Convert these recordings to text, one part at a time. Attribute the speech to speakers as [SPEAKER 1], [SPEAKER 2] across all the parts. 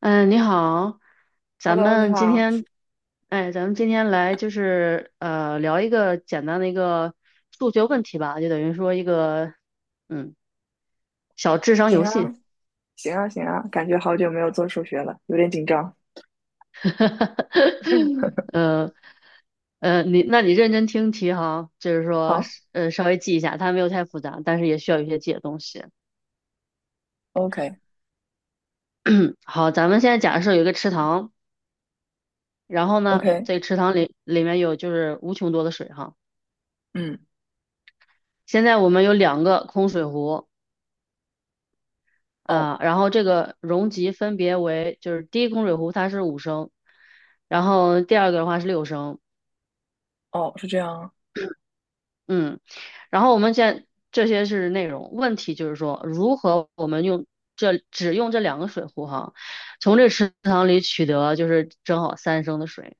[SPEAKER 1] 嗯，你好，咱
[SPEAKER 2] Hello，你
[SPEAKER 1] 们今
[SPEAKER 2] 好，
[SPEAKER 1] 天，哎，咱们今天来就是聊一个简单的一个数学问题吧，就等于说一个嗯小智商
[SPEAKER 2] 行
[SPEAKER 1] 游
[SPEAKER 2] 啊，
[SPEAKER 1] 戏。
[SPEAKER 2] 感觉好久没有做数学了，有点紧张。
[SPEAKER 1] 呃你那你认真听题哈，就是说
[SPEAKER 2] 好
[SPEAKER 1] 稍微记一下，它没有太复杂，但是也需要有一些记的东西。
[SPEAKER 2] ，OK，OK，
[SPEAKER 1] 好，咱们现在假设有一个池塘，然后呢，这个池塘里面有就是无穷多的水哈。
[SPEAKER 2] 嗯，
[SPEAKER 1] 现在我们有两个空水壶，
[SPEAKER 2] 哦，
[SPEAKER 1] 啊、然后这个容积分别为，就是第一供水壶它是五升，然后第二个的话是六升，
[SPEAKER 2] 哦，是这样啊。
[SPEAKER 1] 嗯，然后我们现在这些是内容，问题就是说如何我们用只用这两个水壶哈，从这池塘里取得就是正好三升的水，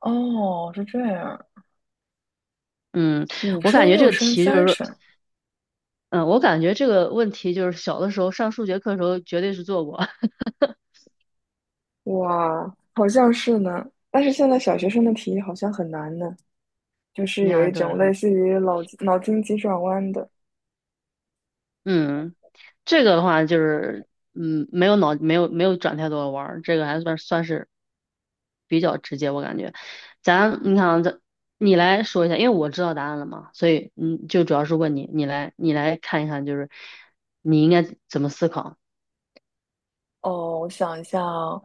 [SPEAKER 2] 哦，是这样，
[SPEAKER 1] 嗯，
[SPEAKER 2] 五
[SPEAKER 1] 我感
[SPEAKER 2] 升、
[SPEAKER 1] 觉这
[SPEAKER 2] 六
[SPEAKER 1] 个
[SPEAKER 2] 升、
[SPEAKER 1] 题就是
[SPEAKER 2] 三
[SPEAKER 1] 说，
[SPEAKER 2] 升，
[SPEAKER 1] 嗯，我感觉这个问题就是小的时候上数学课的时候绝对是做过，
[SPEAKER 2] 哇，好像是呢。但是现在小学生的题好像很难呢，就 是有
[SPEAKER 1] 呀，
[SPEAKER 2] 一
[SPEAKER 1] 对，
[SPEAKER 2] 种类
[SPEAKER 1] 很，
[SPEAKER 2] 似于脑筋急转弯的。
[SPEAKER 1] 嗯。这个的话就是，嗯，没有脑，没有没有转太多的弯儿，这个还算是比较直接，我感觉。你看啊,你来说一下，因为我知道答案了嘛，所以嗯，就主要是问你，你来看一看，就是你应该怎么思考？
[SPEAKER 2] 哦，我想一下啊。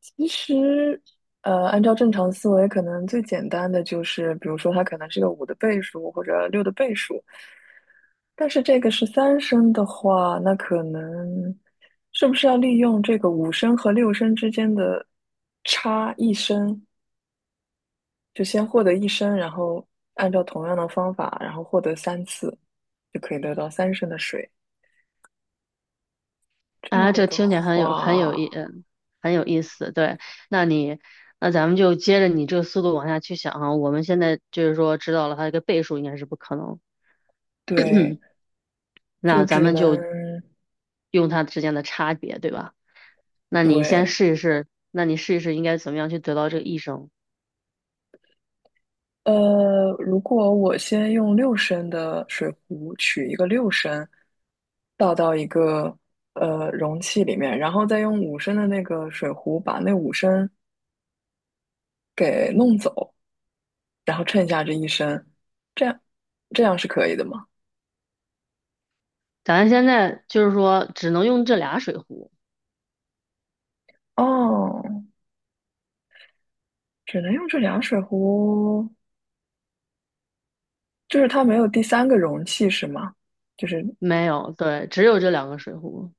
[SPEAKER 2] 其实，按照正常思维，可能最简单的就是，比如说它可能是个五的倍数或者六的倍数。但是这个是三升的话，那可能是不是要利用这个五升和六升之间的差一升，就先获得一升，然后按照同样的方法，然后获得三次，就可以得到三升的水。这样
[SPEAKER 1] 啊？这
[SPEAKER 2] 的
[SPEAKER 1] 听起来很有很有
[SPEAKER 2] 话，
[SPEAKER 1] 意，嗯，很有意思。对，那你那咱们就接着你这个速度往下去想啊。我们现在就是说知道了它这个倍数应该是不可能，
[SPEAKER 2] 对，就
[SPEAKER 1] 那咱
[SPEAKER 2] 只
[SPEAKER 1] 们
[SPEAKER 2] 能。
[SPEAKER 1] 就用它之间的差别，对吧？那你先
[SPEAKER 2] 对，
[SPEAKER 1] 试一试，那你试一试应该怎么样去得到这个益生？
[SPEAKER 2] 如果我先用六升的水壶取一个六升，倒到一个容器里面，然后再用五升的那个水壶把那五升给弄走，然后剩下这一升，这样这样是可以的吗？
[SPEAKER 1] 咱现在就是说只能用这俩水壶，
[SPEAKER 2] 哦，只能用这俩水壶，就是它没有第三个容器是吗？就是
[SPEAKER 1] 没有，对，只有这两个水壶。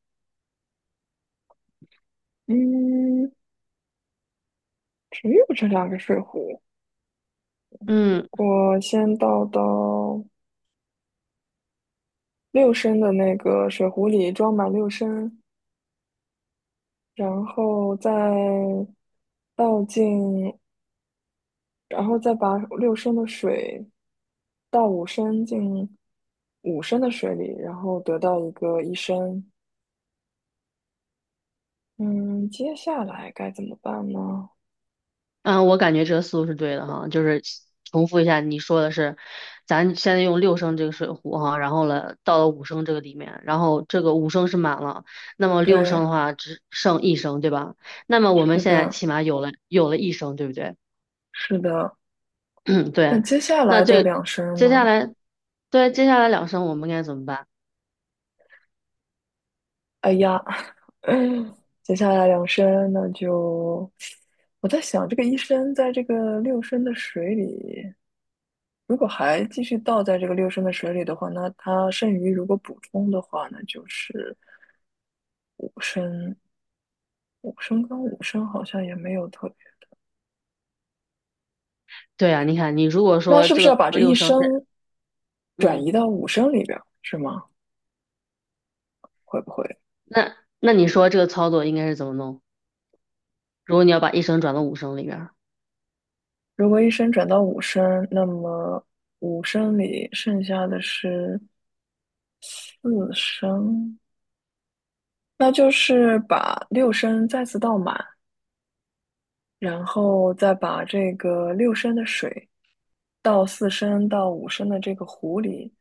[SPEAKER 2] 嗯，只有这两个水壶。
[SPEAKER 1] 嗯
[SPEAKER 2] 我先倒到六升的那个水壶里装满六升，然后再倒进，然后再把六升的水倒五升进五升的水里，然后得到一个一升。嗯，接下来该怎么办呢？
[SPEAKER 1] 嗯，我感觉这个思路是对的哈，就是重复一下你说的是，咱现在用六升这个水壶哈，然后了到了五升这个里面，然后这个五升是满了，那么六升
[SPEAKER 2] 对，
[SPEAKER 1] 的话只剩一升，对吧？那么我们
[SPEAKER 2] 是
[SPEAKER 1] 现在
[SPEAKER 2] 的，
[SPEAKER 1] 起码有了一升，对不对？
[SPEAKER 2] 是的。
[SPEAKER 1] 嗯，
[SPEAKER 2] 那
[SPEAKER 1] 对，
[SPEAKER 2] 接下
[SPEAKER 1] 那
[SPEAKER 2] 来的
[SPEAKER 1] 这
[SPEAKER 2] 两升
[SPEAKER 1] 接下
[SPEAKER 2] 呢？
[SPEAKER 1] 来，对，接下来两声我们该怎么办？
[SPEAKER 2] 哎呀，接下来两升那就，我在想，这个一升在这个六升的水里。如果还继续倒在这个六升的水里的话，那它剩余如果补充的话呢，那就是五升。五升跟五升好像也没有特别，
[SPEAKER 1] 对啊，你看，你如果
[SPEAKER 2] 那
[SPEAKER 1] 说
[SPEAKER 2] 是不
[SPEAKER 1] 这
[SPEAKER 2] 是要
[SPEAKER 1] 个
[SPEAKER 2] 把这一
[SPEAKER 1] 六声是，
[SPEAKER 2] 升转
[SPEAKER 1] 嗯，
[SPEAKER 2] 移到五升里边儿，是吗？会不会？
[SPEAKER 1] 那那你说这个操作应该是怎么弄？如果你要把一声转到五声里边儿。
[SPEAKER 2] 如果一升转到五升，那么五升里剩下的是四升，那就是把六升再次倒满，然后再把这个六升的水倒四升到五升的这个壶里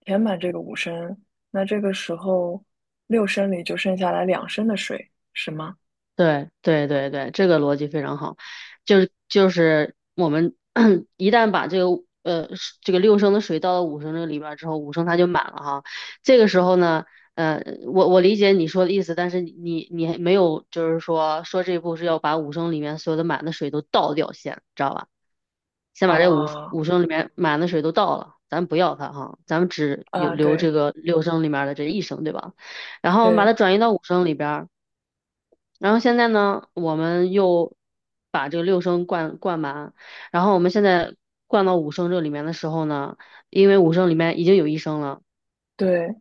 [SPEAKER 2] 填满这个五升，那这个时候六升里就剩下来两升的水，是吗？
[SPEAKER 1] 对对对对，这个逻辑非常好，就是我们 一旦把这个是这个六升的水倒到五升这个里边儿之后，五升它就满了哈。这个时候呢，呃，我理解你说的意思，但是你还没有就是说这一步是要把五升里面所有的满的水都倒掉先，知道吧？先把这五
[SPEAKER 2] 啊，
[SPEAKER 1] 五升里面满的水都倒了，咱不要它哈，咱们只有
[SPEAKER 2] 啊，
[SPEAKER 1] 留
[SPEAKER 2] 对
[SPEAKER 1] 这个六升里面的这一升，对吧？然后我们把
[SPEAKER 2] 对
[SPEAKER 1] 它转移到五升里边儿。然后现在呢，我们又把这个六升灌满，然后我们现在灌到五升这里面的时候呢，因为五升里面已经有一升了，
[SPEAKER 2] 对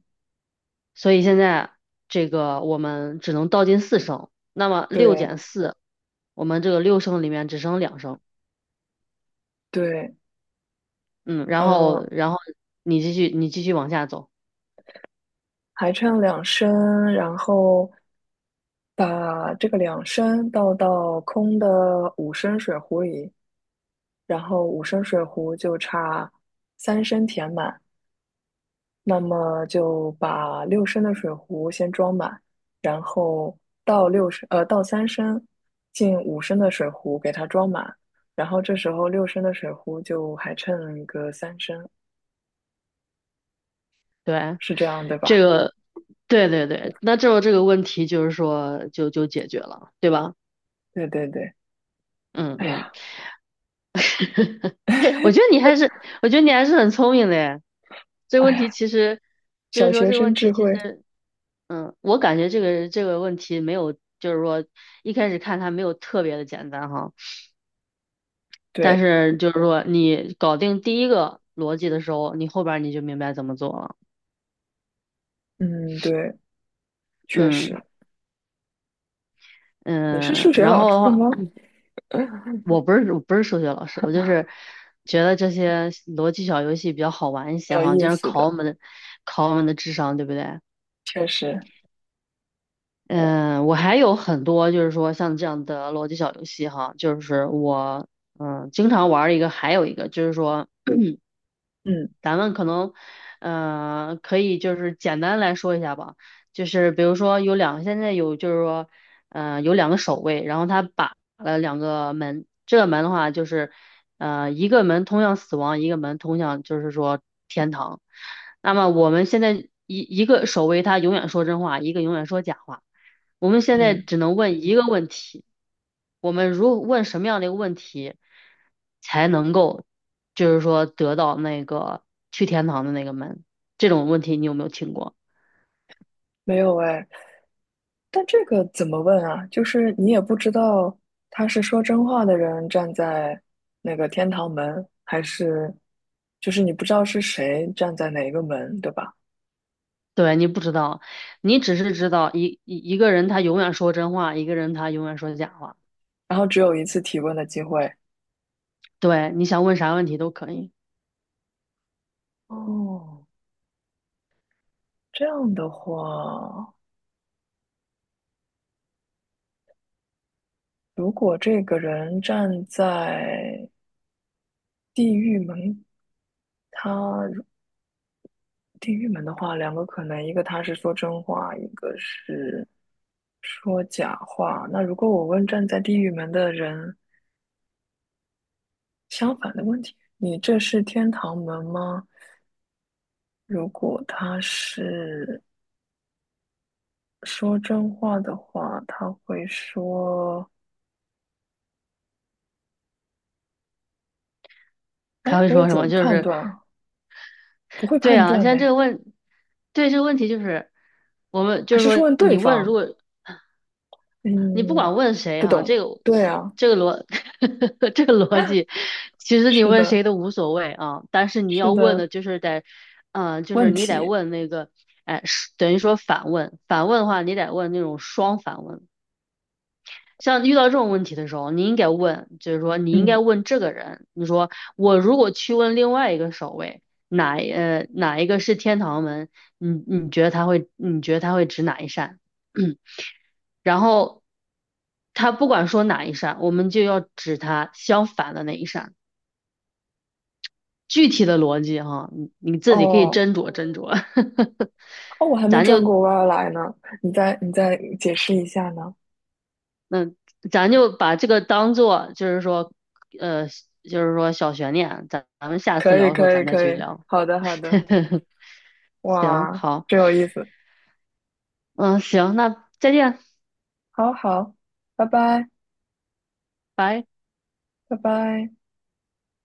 [SPEAKER 1] 所以现在这个我们只能倒进四升。那么六
[SPEAKER 2] 对
[SPEAKER 1] 减四，我们这个六升里面只剩两升。
[SPEAKER 2] 对，
[SPEAKER 1] 嗯，然
[SPEAKER 2] 嗯，
[SPEAKER 1] 后然后你继续往下走，
[SPEAKER 2] 还差两升，然后把这个两升倒到空的五升水壶里，然后五升水壶就差三升填满。那么就把六升的水壶先装满，然后倒三升进五升的水壶给它装满，然后这时候六升的水壶就还剩个三升，
[SPEAKER 1] 对，
[SPEAKER 2] 是这样对吧？
[SPEAKER 1] 这个对对对，那这个问题就是说就解决了，对吧？
[SPEAKER 2] 对对对，
[SPEAKER 1] 嗯
[SPEAKER 2] 哎
[SPEAKER 1] 嗯。
[SPEAKER 2] 呀，
[SPEAKER 1] 我觉得 你还是，我觉得你还是很聪明的耶。这个
[SPEAKER 2] 哎
[SPEAKER 1] 问题
[SPEAKER 2] 呀，
[SPEAKER 1] 其实，就
[SPEAKER 2] 小
[SPEAKER 1] 是说
[SPEAKER 2] 学
[SPEAKER 1] 这个
[SPEAKER 2] 生
[SPEAKER 1] 问题
[SPEAKER 2] 智
[SPEAKER 1] 其
[SPEAKER 2] 慧，
[SPEAKER 1] 实，嗯，我感觉这个问题没有，就是说一开始看它没有特别的简单哈，但
[SPEAKER 2] 对，
[SPEAKER 1] 是就是说你搞定第一个逻辑的时候，你后边儿你就明白怎么做了。
[SPEAKER 2] 嗯，对，确
[SPEAKER 1] 嗯
[SPEAKER 2] 实。你是
[SPEAKER 1] 嗯，
[SPEAKER 2] 数学
[SPEAKER 1] 然
[SPEAKER 2] 老
[SPEAKER 1] 后的
[SPEAKER 2] 师
[SPEAKER 1] 话，
[SPEAKER 2] 吗？
[SPEAKER 1] 我不是数学老师，我就是觉得这些逻辑小游戏比较好玩一 些
[SPEAKER 2] 有
[SPEAKER 1] 哈，这
[SPEAKER 2] 意
[SPEAKER 1] 样
[SPEAKER 2] 思的，
[SPEAKER 1] 考我们的智商，对不对？
[SPEAKER 2] 确实，
[SPEAKER 1] 嗯，我还有很多，就是说像这样的逻辑小游戏哈，就是我经常玩儿一个，还有一个就是说
[SPEAKER 2] 嗯
[SPEAKER 1] 咱们可能，可以就是简单来说一下吧，就是比如说有两，现在有就是说，有两个守卫，然后他把了两个门，这个门的话就是，一个门通向死亡，一个门通向就是说天堂。那么我们现在一个守卫他永远说真话，一个永远说假话，我们现在
[SPEAKER 2] 嗯。
[SPEAKER 1] 只能问一个问题，我们如问什么样的一个问题？才能够，就是说得到那个去天堂的那个门？这种问题你有没有听过？
[SPEAKER 2] 没有哎，但这个怎么问啊？就是你也不知道他是说真话的人站在那个天堂门，还是就是你不知道是谁站在哪一个门，对吧？
[SPEAKER 1] 对，你不知道，你只是知道一个人他永远说真话，一个人他永远说假话。
[SPEAKER 2] 然后只有一次提问的机会。
[SPEAKER 1] 对，你想问啥问题都可以。
[SPEAKER 2] 哦，这样的话，如果这个人站在地狱门，他如地狱门的话，两个可能，一个他是说真话，一个是说假话。那如果我问站在地狱门的人，相反的问题，你这是天堂门吗？如果他是说真话的话，他会说：
[SPEAKER 1] 他
[SPEAKER 2] “哎，
[SPEAKER 1] 会
[SPEAKER 2] 我也
[SPEAKER 1] 说什
[SPEAKER 2] 怎
[SPEAKER 1] 么？
[SPEAKER 2] 么
[SPEAKER 1] 就
[SPEAKER 2] 判
[SPEAKER 1] 是，
[SPEAKER 2] 断啊，不会
[SPEAKER 1] 对
[SPEAKER 2] 判
[SPEAKER 1] 啊，现
[SPEAKER 2] 断呢？
[SPEAKER 1] 在这个问，对这个问题就是，我们
[SPEAKER 2] 还
[SPEAKER 1] 就是
[SPEAKER 2] 是
[SPEAKER 1] 说，
[SPEAKER 2] 问对
[SPEAKER 1] 你问，如
[SPEAKER 2] 方？
[SPEAKER 1] 果你不
[SPEAKER 2] 嗯，
[SPEAKER 1] 管问谁
[SPEAKER 2] 不
[SPEAKER 1] 哈、这
[SPEAKER 2] 懂。
[SPEAKER 1] 个
[SPEAKER 2] 对
[SPEAKER 1] 其
[SPEAKER 2] 啊，
[SPEAKER 1] 这个逻 这个逻辑，其实你
[SPEAKER 2] 是
[SPEAKER 1] 问
[SPEAKER 2] 的，
[SPEAKER 1] 谁都无所谓啊。但是你
[SPEAKER 2] 是
[SPEAKER 1] 要问
[SPEAKER 2] 的，
[SPEAKER 1] 的就是得，嗯、就是
[SPEAKER 2] 问
[SPEAKER 1] 你得
[SPEAKER 2] 题。
[SPEAKER 1] 问那个，哎，是等于说反问，反问的话，你得问那种双反问。像遇到这种问题的时候，你应该问，就是说你应该
[SPEAKER 2] 嗯，
[SPEAKER 1] 问这个人，你说我如果去问另外一个守卫，哪一个是天堂门，你觉得他会指哪一扇？然后他不管说哪一扇，我们就要指他相反的那一扇。具体的逻辑哈，你你自己可以
[SPEAKER 2] 哦，
[SPEAKER 1] 斟酌斟酌。
[SPEAKER 2] 哦，我还 没
[SPEAKER 1] 咱
[SPEAKER 2] 转
[SPEAKER 1] 就
[SPEAKER 2] 过弯儿来呢，你再你再解释一下呢？
[SPEAKER 1] 嗯，咱就把这个当做就是说，呃，就是说小悬念，咱们下次
[SPEAKER 2] 可
[SPEAKER 1] 聊
[SPEAKER 2] 以，
[SPEAKER 1] 的时候
[SPEAKER 2] 可以，
[SPEAKER 1] 咱再
[SPEAKER 2] 可
[SPEAKER 1] 继续
[SPEAKER 2] 以。
[SPEAKER 1] 聊。
[SPEAKER 2] 好的，好的。
[SPEAKER 1] 行，
[SPEAKER 2] 哇，
[SPEAKER 1] 好，
[SPEAKER 2] 真有意思。
[SPEAKER 1] 嗯，行，那再见，
[SPEAKER 2] 好好，拜拜。”
[SPEAKER 1] 拜。
[SPEAKER 2] 拜拜。